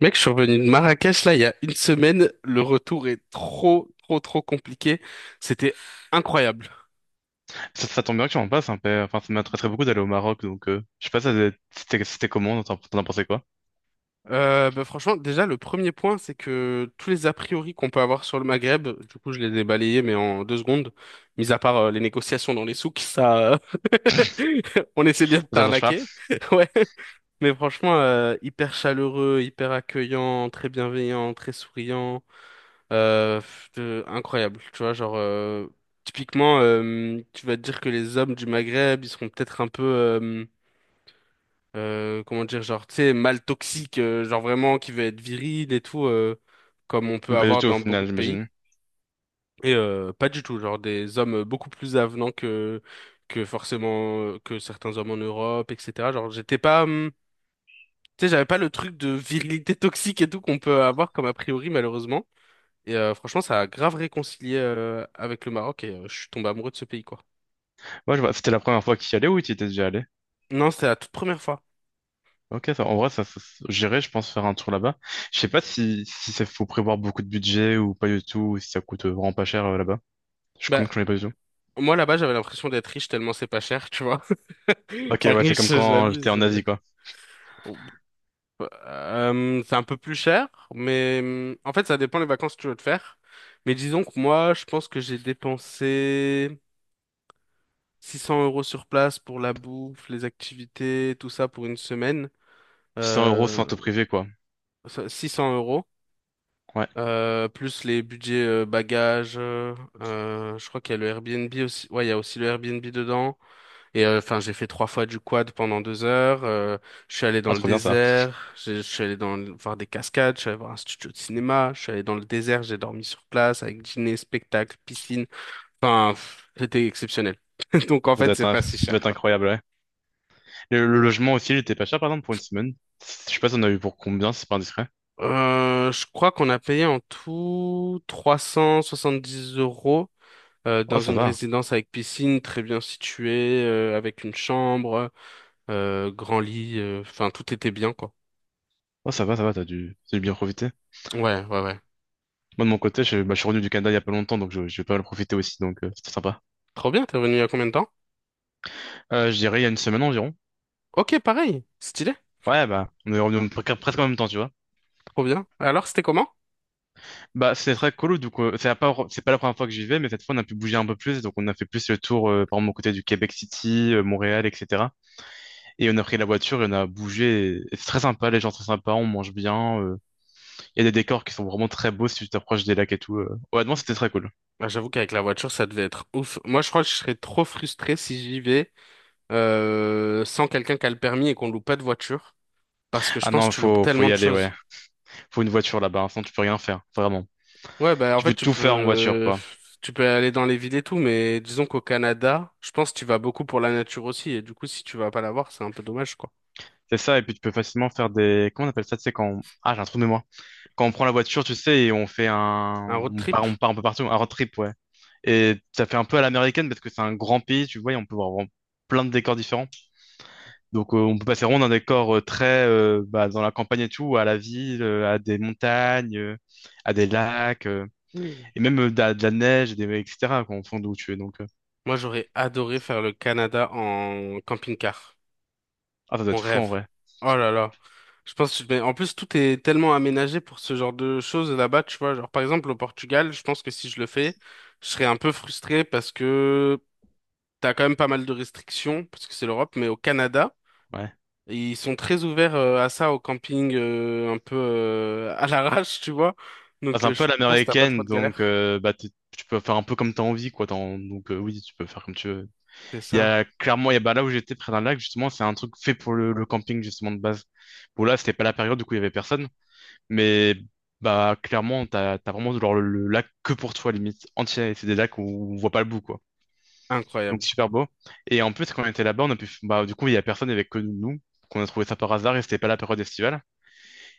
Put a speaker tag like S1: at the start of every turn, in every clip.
S1: Mec, je suis revenu de Marrakech là il y a une semaine. Le retour est trop, trop, trop compliqué. C'était incroyable.
S2: Ça tombe bien que tu en passes un peu. Enfin, ça m'intéresserait beaucoup d'aller au Maroc, donc je sais pas, c'était comment, t'en pensais quoi?
S1: Bah, franchement, déjà, le premier point, c'est que tous les a priori qu'on peut avoir sur le Maghreb, du coup, je les ai balayés, mais en 2 secondes, mis à part les négociations dans les souks, ça, on essaie bien de
S2: Ça change pas?
S1: t'arnaquer. Ouais. Mais franchement, hyper chaleureux, hyper accueillant, très bienveillant, très souriant. Incroyable, tu vois, genre typiquement, tu vas te dire que les hommes du Maghreb, ils seront peut-être un peu, comment dire, genre, tu sais, mal toxique, genre vraiment qui veut être viril et tout, comme on peut
S2: Pas du
S1: avoir
S2: tout au
S1: dans beaucoup
S2: final,
S1: de pays.
S2: j'imagine.
S1: Et pas du tout, genre des hommes beaucoup plus avenants que forcément que certains hommes en Europe, etc. Genre, j'étais pas, tu sais, j'avais pas le truc de virilité toxique et tout qu'on peut avoir comme a priori, malheureusement. Et franchement, ça a grave réconcilié avec le Maroc et je suis tombé amoureux de ce pays, quoi.
S2: Ouais, je vois. C'était la première fois que tu y allais ou tu y étais déjà allé?
S1: Non, c'était la toute première fois.
S2: Ok, ça, en vrai, j'irais, je pense, faire un tour là-bas. Je sais pas si, si ça faut prévoir beaucoup de budget ou pas du tout, ou si ça coûte vraiment pas cher là-bas. Je comme
S1: Bah,
S2: que j'en ai pas du tout.
S1: moi, là-bas, j'avais l'impression d'être riche tellement c'est pas cher, tu vois.
S2: Ok,
S1: Enfin,
S2: ouais, c'est comme
S1: riche,
S2: quand j'étais
S1: j'abuse.
S2: en Asie, quoi.
S1: Bon, bah, c'est un peu plus cher, mais en fait, ça dépend les vacances que tu veux te faire. Mais disons que moi, je pense que j'ai dépensé 600 € sur place pour la bouffe, les activités, tout ça pour une semaine.
S2: 600 euros sans
S1: Euh,
S2: auto privé, quoi.
S1: 600 euros.
S2: Ouais.
S1: Plus les budgets bagages, je crois qu'il y a le Airbnb aussi. Ouais, il y a aussi le Airbnb dedans. Et enfin, j'ai fait trois fois du quad pendant 2 heures. Je suis allé dans
S2: Ah,
S1: le
S2: trop bien ça.
S1: désert. Je suis allé voir des cascades. Je suis allé voir un studio de cinéma. Je suis allé dans le désert. J'ai dormi sur place avec dîner, spectacle, piscine. Enfin, c'était exceptionnel. Donc en fait, c'est pas si
S2: Ça doit
S1: cher,
S2: être
S1: quoi.
S2: incroyable, ouais. Le logement aussi, il était pas cher, par exemple, pour une semaine. Je sais pas si on a eu pour combien, si c'est pas indiscret.
S1: Je crois qu'on a payé en tout 370 euros. euh,
S2: Oh,
S1: dans
S2: ça
S1: une
S2: va.
S1: résidence avec piscine très bien située, avec une chambre, grand lit, enfin tout était bien quoi.
S2: Oh, ça va, t'as dû bien profiter.
S1: Ouais, ouais, ouais.
S2: Moi, de mon côté, je, bah, je suis revenu du Canada il y a pas longtemps, donc je vais pas mal profiter aussi, donc c'était sympa.
S1: Trop bien, t'es revenu il y a combien de temps?
S2: Je dirais il y a une semaine environ.
S1: Ok, pareil, stylé,
S2: Ouais, bah, on est revenu presque en même temps, tu vois.
S1: trop bien. Alors, c'était comment?
S2: Bah, c'est très cool, du coup, c'est pas la première fois que j'y vais, mais cette fois, on a pu bouger un peu plus, donc on a fait plus le tour, par exemple, aux côtés du Québec City, Montréal, etc. Et on a pris la voiture et on a bougé, et c'est très sympa, les gens sont très sympas, on mange bien, il y a des décors qui sont vraiment très beaux si tu t'approches des lacs et tout. Honnêtement, c'était très cool.
S1: Bah, j'avoue qu'avec la voiture, ça devait être ouf. Moi, je crois que je serais trop frustré si j'y vais sans quelqu'un qui a le permis et qu'on loue pas de voiture. Parce que je
S2: Ah
S1: pense
S2: non,
S1: que tu loupes
S2: faut
S1: tellement
S2: y
S1: de
S2: aller,
S1: choses.
S2: ouais. Faut une voiture là-bas, enfin tu peux rien faire, vraiment.
S1: Ouais, bah en
S2: Tu
S1: fait
S2: peux
S1: tu
S2: tout faire en voiture,
S1: peux
S2: quoi.
S1: aller dans les villes et tout, mais disons qu'au Canada, je pense que tu vas beaucoup pour la nature aussi, et du coup si tu vas pas la voir, c'est un peu dommage quoi.
S2: C'est ça, et puis tu peux facilement faire des... Comment on appelle ça, tu sais, ah, j'ai un trou de mémoire. Quand on prend la voiture, tu sais, et on fait
S1: Un
S2: un...
S1: road trip?
S2: On part un peu partout, un road trip, ouais. Et ça fait un peu à l'américaine, parce que c'est un grand pays, tu vois, et on peut voir vraiment plein de décors différents. Donc on peut passer rond d'un décor très bah, dans la campagne et tout, à la ville, à des montagnes, à des lacs,
S1: Mm.
S2: et même de la neige, et des... etc., quoi, en fond d'où tu es.
S1: Moi j'aurais adoré faire le Canada en camping-car.
S2: Ah, ça doit
S1: On
S2: être fou,
S1: rêve.
S2: en vrai.
S1: Oh là là. Je pense que mais en plus tout est tellement aménagé pour ce genre de choses là-bas, tu vois. Genre par exemple au Portugal, je pense que si je le fais, je serais un peu frustré parce que t'as quand même pas mal de restrictions, parce que c'est l'Europe, mais au Canada.
S2: Ouais.
S1: Ils sont très ouverts à ça au camping, un peu à l'arrache, tu vois.
S2: Bah, c'est
S1: Donc,
S2: un
S1: euh,
S2: peu
S1: je
S2: à
S1: pense que t'as pas trop
S2: l'américaine,
S1: de
S2: donc
S1: galères.
S2: bah, tu peux faire un peu comme tu as envie, quoi. Donc oui, tu peux faire comme tu veux.
S1: C'est ça.
S2: Il y a bah, là où j'étais près d'un lac, justement, c'est un truc fait pour le camping, justement, de base. Bon, là, c'était pas la période, du coup, il y avait personne. Mais bah, clairement, t'as vraiment genre, le lac que pour toi, limite, entier. C'est des lacs où on voit pas le bout, quoi. Donc
S1: Incroyable.
S2: super beau. Et en plus, quand on était là-bas, on a pu, bah, du coup, il y a personne, il y avait que nous. Qu'on a trouvé ça par hasard et c'était pas la période estivale.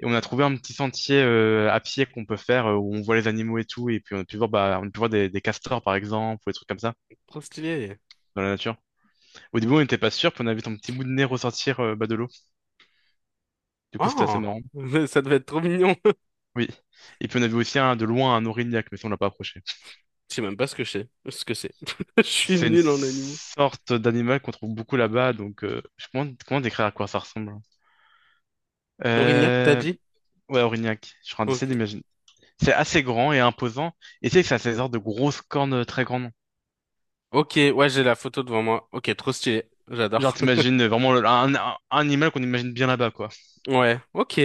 S2: Et on a trouvé un petit sentier à pied qu'on peut faire où on voit les animaux et tout. Et puis on a pu voir, bah, on a pu voir des castors par exemple ou des trucs comme ça
S1: Trop stylé.
S2: dans la nature. Au début, on n'était pas sûr, puis on a vu ton petit bout de nez ressortir bas de l'eau. Du coup, c'était assez
S1: Oh,
S2: marrant.
S1: ça devait être trop mignon.
S2: Oui. Et puis on a vu aussi un, de loin un orignac, mais ça, on l'a pas approché.
S1: Je sais même pas ce que c'est. Ce que c'est. Je suis
S2: C'est une
S1: nul en animaux.
S2: sorte d'animal qu'on trouve beaucoup là-bas. Donc, je comment décrire à quoi ça ressemble? Hein.
S1: L'Orignac, t'as
S2: Euh,
S1: dit?
S2: ouais, orignac. Je suis en train d'essayer
S1: Ok.
S2: d'imaginer. C'est assez grand et imposant. Et tu sais que ça a ces sortes de grosses cornes très grandes.
S1: Ok, ouais, j'ai la photo devant moi. Ok, trop stylé.
S2: Genre,
S1: J'adore.
S2: t'imagines vraiment un animal qu'on imagine bien là-bas, quoi.
S1: Ouais, ok.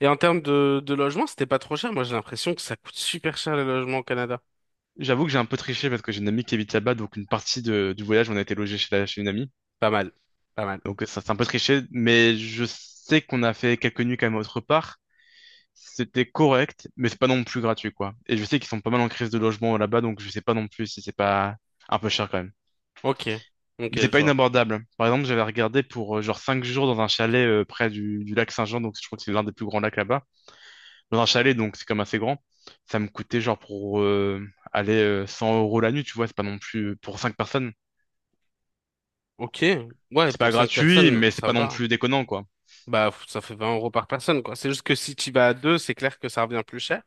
S1: Et en termes de logement, c'était pas trop cher. Moi, j'ai l'impression que ça coûte super cher les logements au Canada.
S2: J'avoue que j'ai un peu triché parce que j'ai une amie qui habite là-bas, donc du voyage, on a été logé chez une amie.
S1: Pas mal. Pas mal.
S2: Donc, ça, c'est un peu triché, mais je sais qu'on a fait quelques nuits quand même autre part. C'était correct, mais c'est pas non plus gratuit, quoi. Et je sais qu'ils sont pas mal en crise de logement là-bas, donc je sais pas non plus si c'est pas un peu cher quand même.
S1: Ok. Ok,
S2: Mais c'est
S1: je
S2: pas
S1: vois.
S2: inabordable. Par exemple, j'avais regardé pour genre 5 jours dans un chalet près du lac Saint-Jean, donc je crois que c'est l'un des plus grands lacs là-bas. Dans un chalet, donc c'est comme assez grand. Ça me coûtait genre pour aller 100 euros la nuit, tu vois, c'est pas non plus pour 5 personnes.
S1: Ok, ouais,
S2: C'est
S1: pour
S2: pas
S1: cinq
S2: gratuit,
S1: personnes,
S2: mais c'est
S1: ça
S2: pas non
S1: va.
S2: plus déconnant, quoi.
S1: Bah, ça fait 20 € par personne, quoi. C'est juste que si tu vas à deux, c'est clair que ça revient plus cher.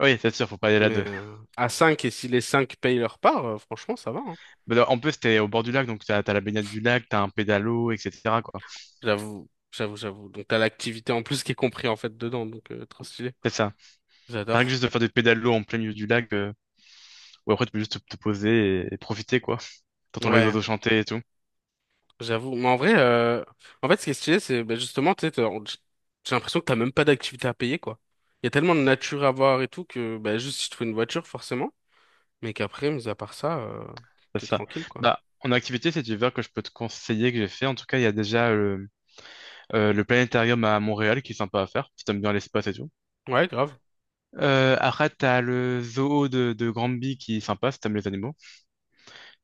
S2: Oui, c'est sûr, faut pas aller là
S1: Mais
S2: deux.
S1: à cinq, et si les cinq payent leur part, franchement, ça va, hein.
S2: Mais en plus, c'était au bord du lac, donc t'as la baignade du lac, t'as un pédalo, etc., quoi.
S1: J'avoue, j'avoue, j'avoue. Donc, t'as l'activité en plus qui est compris, en fait, dedans. Donc, trop stylé.
S2: C'est ça. Rien que
S1: J'adore.
S2: juste de faire des pédalos en plein milieu du lac, où après tu peux juste te poser et profiter, quoi. T'entends les
S1: Ouais,
S2: oiseaux chanter et tout.
S1: j'avoue. Mais en vrai, en fait, ce qui est stylé, c'est bah, justement, tu sais, j'ai l'impression que t'as même pas d'activité à payer, quoi. Il y a tellement de nature à voir et tout que, bah, juste si tu trouves une voiture, forcément. Mais qu'après, mis à part ça,
S2: C'est
S1: t'es
S2: ça.
S1: tranquille, quoi.
S2: Bah, en activité cet hiver que je peux te conseiller, que j'ai fait, en tout cas, il y a déjà le planétarium à Montréal qui est sympa à faire, si t'aimes bien l'espace et tout.
S1: Ouais, grave.
S2: Après, t'as le zoo de Granby qui est sympa si t'aimes les animaux.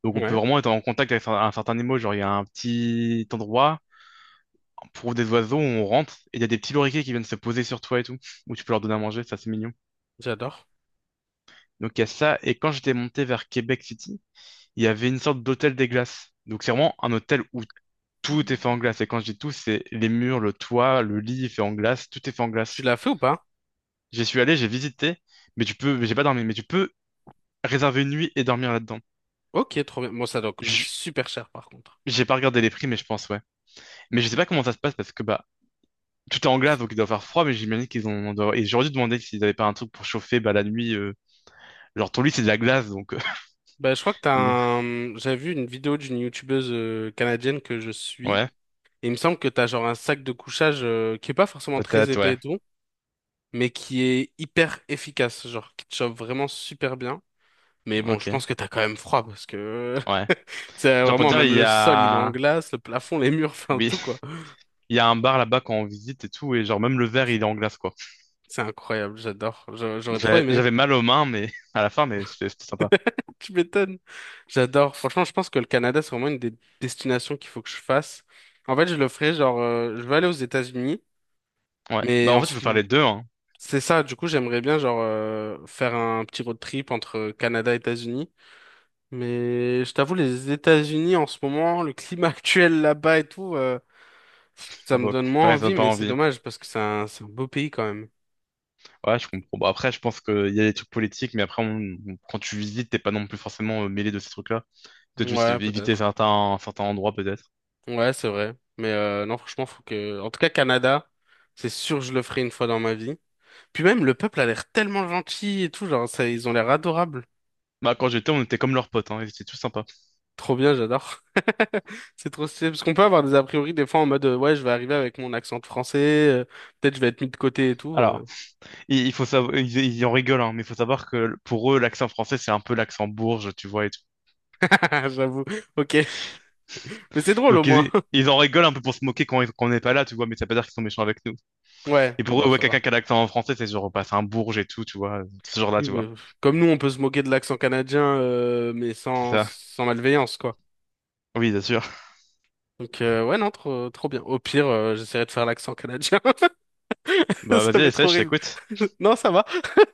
S2: Donc, on peut
S1: Ouais,
S2: vraiment être en contact avec un certain animal. Genre, il y a un petit endroit, pour des oiseaux, où on rentre, et il y a des petits loriquets qui viennent se poser sur toi et tout, où tu peux leur donner à manger, ça c'est mignon.
S1: j'adore.
S2: Donc, il y a ça. Et quand j'étais monté vers Québec City, il y avait une sorte d'hôtel des glaces. Donc, c'est vraiment un hôtel où tout est fait en glace. Et quand je dis tout, c'est les murs, le toit, le lit est fait en glace, tout est fait en
S1: Tu
S2: glace.
S1: l'as fait ou pas?
S2: J'y suis allé, j'ai visité, mais tu peux, j'ai pas dormi, mais tu peux réserver une nuit et dormir là-dedans.
S1: Ok, trop bien. Bon, ça doit coûter
S2: Je-
S1: super cher par contre.
S2: J'ai pas regardé les prix, mais je pense, ouais. Mais je sais pas comment ça se passe parce que bah tout est en glace, donc il doit faire froid, mais j'imagine Et j'aurais dû demander s'ils avaient pas un truc pour chauffer bah la nuit. Genre ton lit c'est de la glace, donc.
S1: Bah, je crois que t'as
S2: Ah, mais-
S1: un. J'avais vu une vidéo d'une youtubeuse canadienne que je suis.
S2: Ouais,
S1: Et il me semble que t'as genre un sac de couchage qui est pas forcément très
S2: peut-être,
S1: épais
S2: ouais.
S1: et tout, mais qui est hyper efficace, genre qui te chauffe vraiment super bien. Mais bon, je
S2: Ok,
S1: pense que t'as quand même froid parce que
S2: ouais.
S1: c'est
S2: Genre pour te
S1: vraiment
S2: dire, il
S1: même
S2: y
S1: le sol il est en
S2: a.
S1: glace, le plafond, les murs, enfin
S2: Oui,
S1: tout quoi.
S2: il y a un bar là-bas quand on visite et tout, et genre même le verre il est en glace quoi.
S1: C'est incroyable, j'adore. J'aurais
S2: Donc,
S1: trop aimé.
S2: J'avais mal aux mains, mais à la fin, mais c'était sympa.
S1: Tu m'étonnes. J'adore. Franchement, je pense que le Canada, c'est vraiment une des destinations qu'il faut que je fasse. En fait, je le ferai, genre, je vais aller aux États-Unis,
S2: Ouais. Bah
S1: mais
S2: en fait, tu peux faire les deux, hein.
S1: c'est ça. Du coup, j'aimerais bien, genre, faire un petit road trip entre Canada et États-Unis. Mais je t'avoue, les États-Unis, en ce moment, le climat actuel là-bas et tout, ça
S2: Bah,
S1: me
S2: bah,
S1: donne moins
S2: Ouais, ça
S1: envie,
S2: donne pas
S1: mais c'est
S2: envie.
S1: dommage parce que c'est un beau pays quand même.
S2: Ouais, je comprends. Bah, après, je pense qu'il y a des trucs politiques, mais après, quand tu visites, t'es pas non plus forcément mêlé de ces trucs-là. Peut-être juste
S1: Ouais,
S2: éviter
S1: peut-être.
S2: certains endroits, peut-être.
S1: Ouais, c'est vrai. Mais non, franchement, faut que. En tout cas, Canada, c'est sûr, je le ferai une fois dans ma vie. Puis même, le peuple a l'air tellement gentil et tout, genre, ça, ils ont l'air adorables.
S2: Bah, quand j'étais, on était comme leurs potes, hein, ils étaient tous sympas.
S1: Trop bien, j'adore. C'est trop stylé, parce qu'on peut avoir des a priori des fois en mode, ouais, je vais arriver avec mon accent de français, euh, peut-être je vais être mis de côté et tout.
S2: Alors, il faut savoir, ils en rigolent, hein, mais il faut savoir que pour eux, l'accent français, c'est un peu l'accent bourge, tu vois, et tout.
S1: J'avoue, ok. Mais c'est drôle au
S2: Donc,
S1: moins.
S2: ils en rigolent un peu pour se moquer quand on n'est pas là, tu vois, mais ça veut pas dire qu'ils sont méchants avec nous.
S1: Ouais,
S2: Et pour eux,
S1: bon,
S2: ouais,
S1: ça va.
S2: quelqu'un qui a l'accent en français, c'est genre, bah, c'est un bourge et tout, tu vois, ce genre-là,
S1: Oui,
S2: tu
S1: mais,
S2: vois.
S1: comme nous, on peut se moquer de l'accent canadien, mais
S2: C'est
S1: sans,
S2: ça.
S1: sans malveillance, quoi.
S2: Oui, bien sûr.
S1: Donc, ouais, non, trop, trop bien. Au pire, j'essaierai de faire l'accent canadien.
S2: Bah,
S1: Ça
S2: vas-y,
S1: va être
S2: essaie, je
S1: horrible.
S2: t'écoute.
S1: Non, ça va.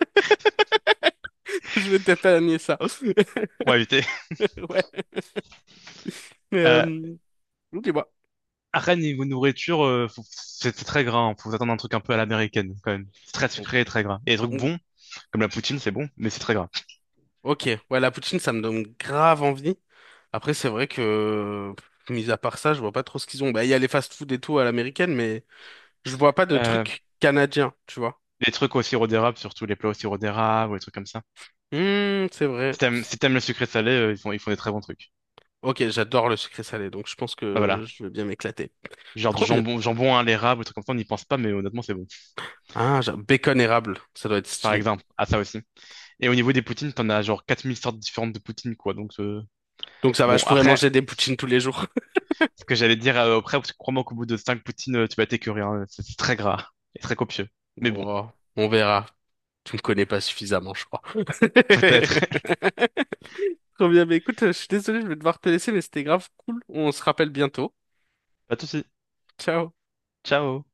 S1: Je vais t'épargner ça.
S2: On va éviter.
S1: Ouais. Mais,
S2: Euh,
S1: Dis-moi.
S2: à Rennes, niveau nourriture, c'est très gras, hein, faut s'attendre à un truc un peu à l'américaine, quand même. C'est très sucré, et très gras. Et des trucs bons, comme la poutine, c'est bon, mais c'est très gras.
S1: Ok, ouais, la poutine, ça me donne grave envie. Après, c'est vrai que, mis à part ça, je vois pas trop ce qu'ils ont. Bah, il y a les fast-food et tout à l'américaine, mais je vois pas de
S2: Euh,
S1: trucs canadiens, tu vois.
S2: les trucs au sirop d'érable, surtout les plats au sirop d'érable ou les trucs comme ça.
S1: C'est vrai.
S2: Si t'aimes le sucré salé, ils font des très bons trucs.
S1: Ok, j'adore le sucré salé, donc je pense
S2: Bah voilà.
S1: que je vais bien m'éclater.
S2: Genre du
S1: Trop bien.
S2: jambon, jambon à l'érable, des trucs comme ça, on n'y pense pas, mais honnêtement, c'est bon.
S1: Ah, bacon érable, ça doit être
S2: Par
S1: stylé.
S2: exemple, à ça aussi. Et au niveau des poutines, t'en as genre 4000 sortes différentes de poutines, quoi. Donc,
S1: Donc ça va,
S2: bon,
S1: je pourrais
S2: après,
S1: manger des poutines tous les jours.
S2: ce que j'allais dire après, parce que crois-moi qu'au bout de 5 poutines, tu vas t'écœurer, hein. C'est très gras et très copieux. Mais bon,
S1: Bon, on verra. Je ne connais pas suffisamment, je crois.
S2: peut-être.
S1: Trop bien, mais écoute, je suis désolé, je vais devoir te laisser, mais c'était grave cool. On se rappelle bientôt.
S2: Pas de soucis.
S1: Ciao.
S2: Ciao.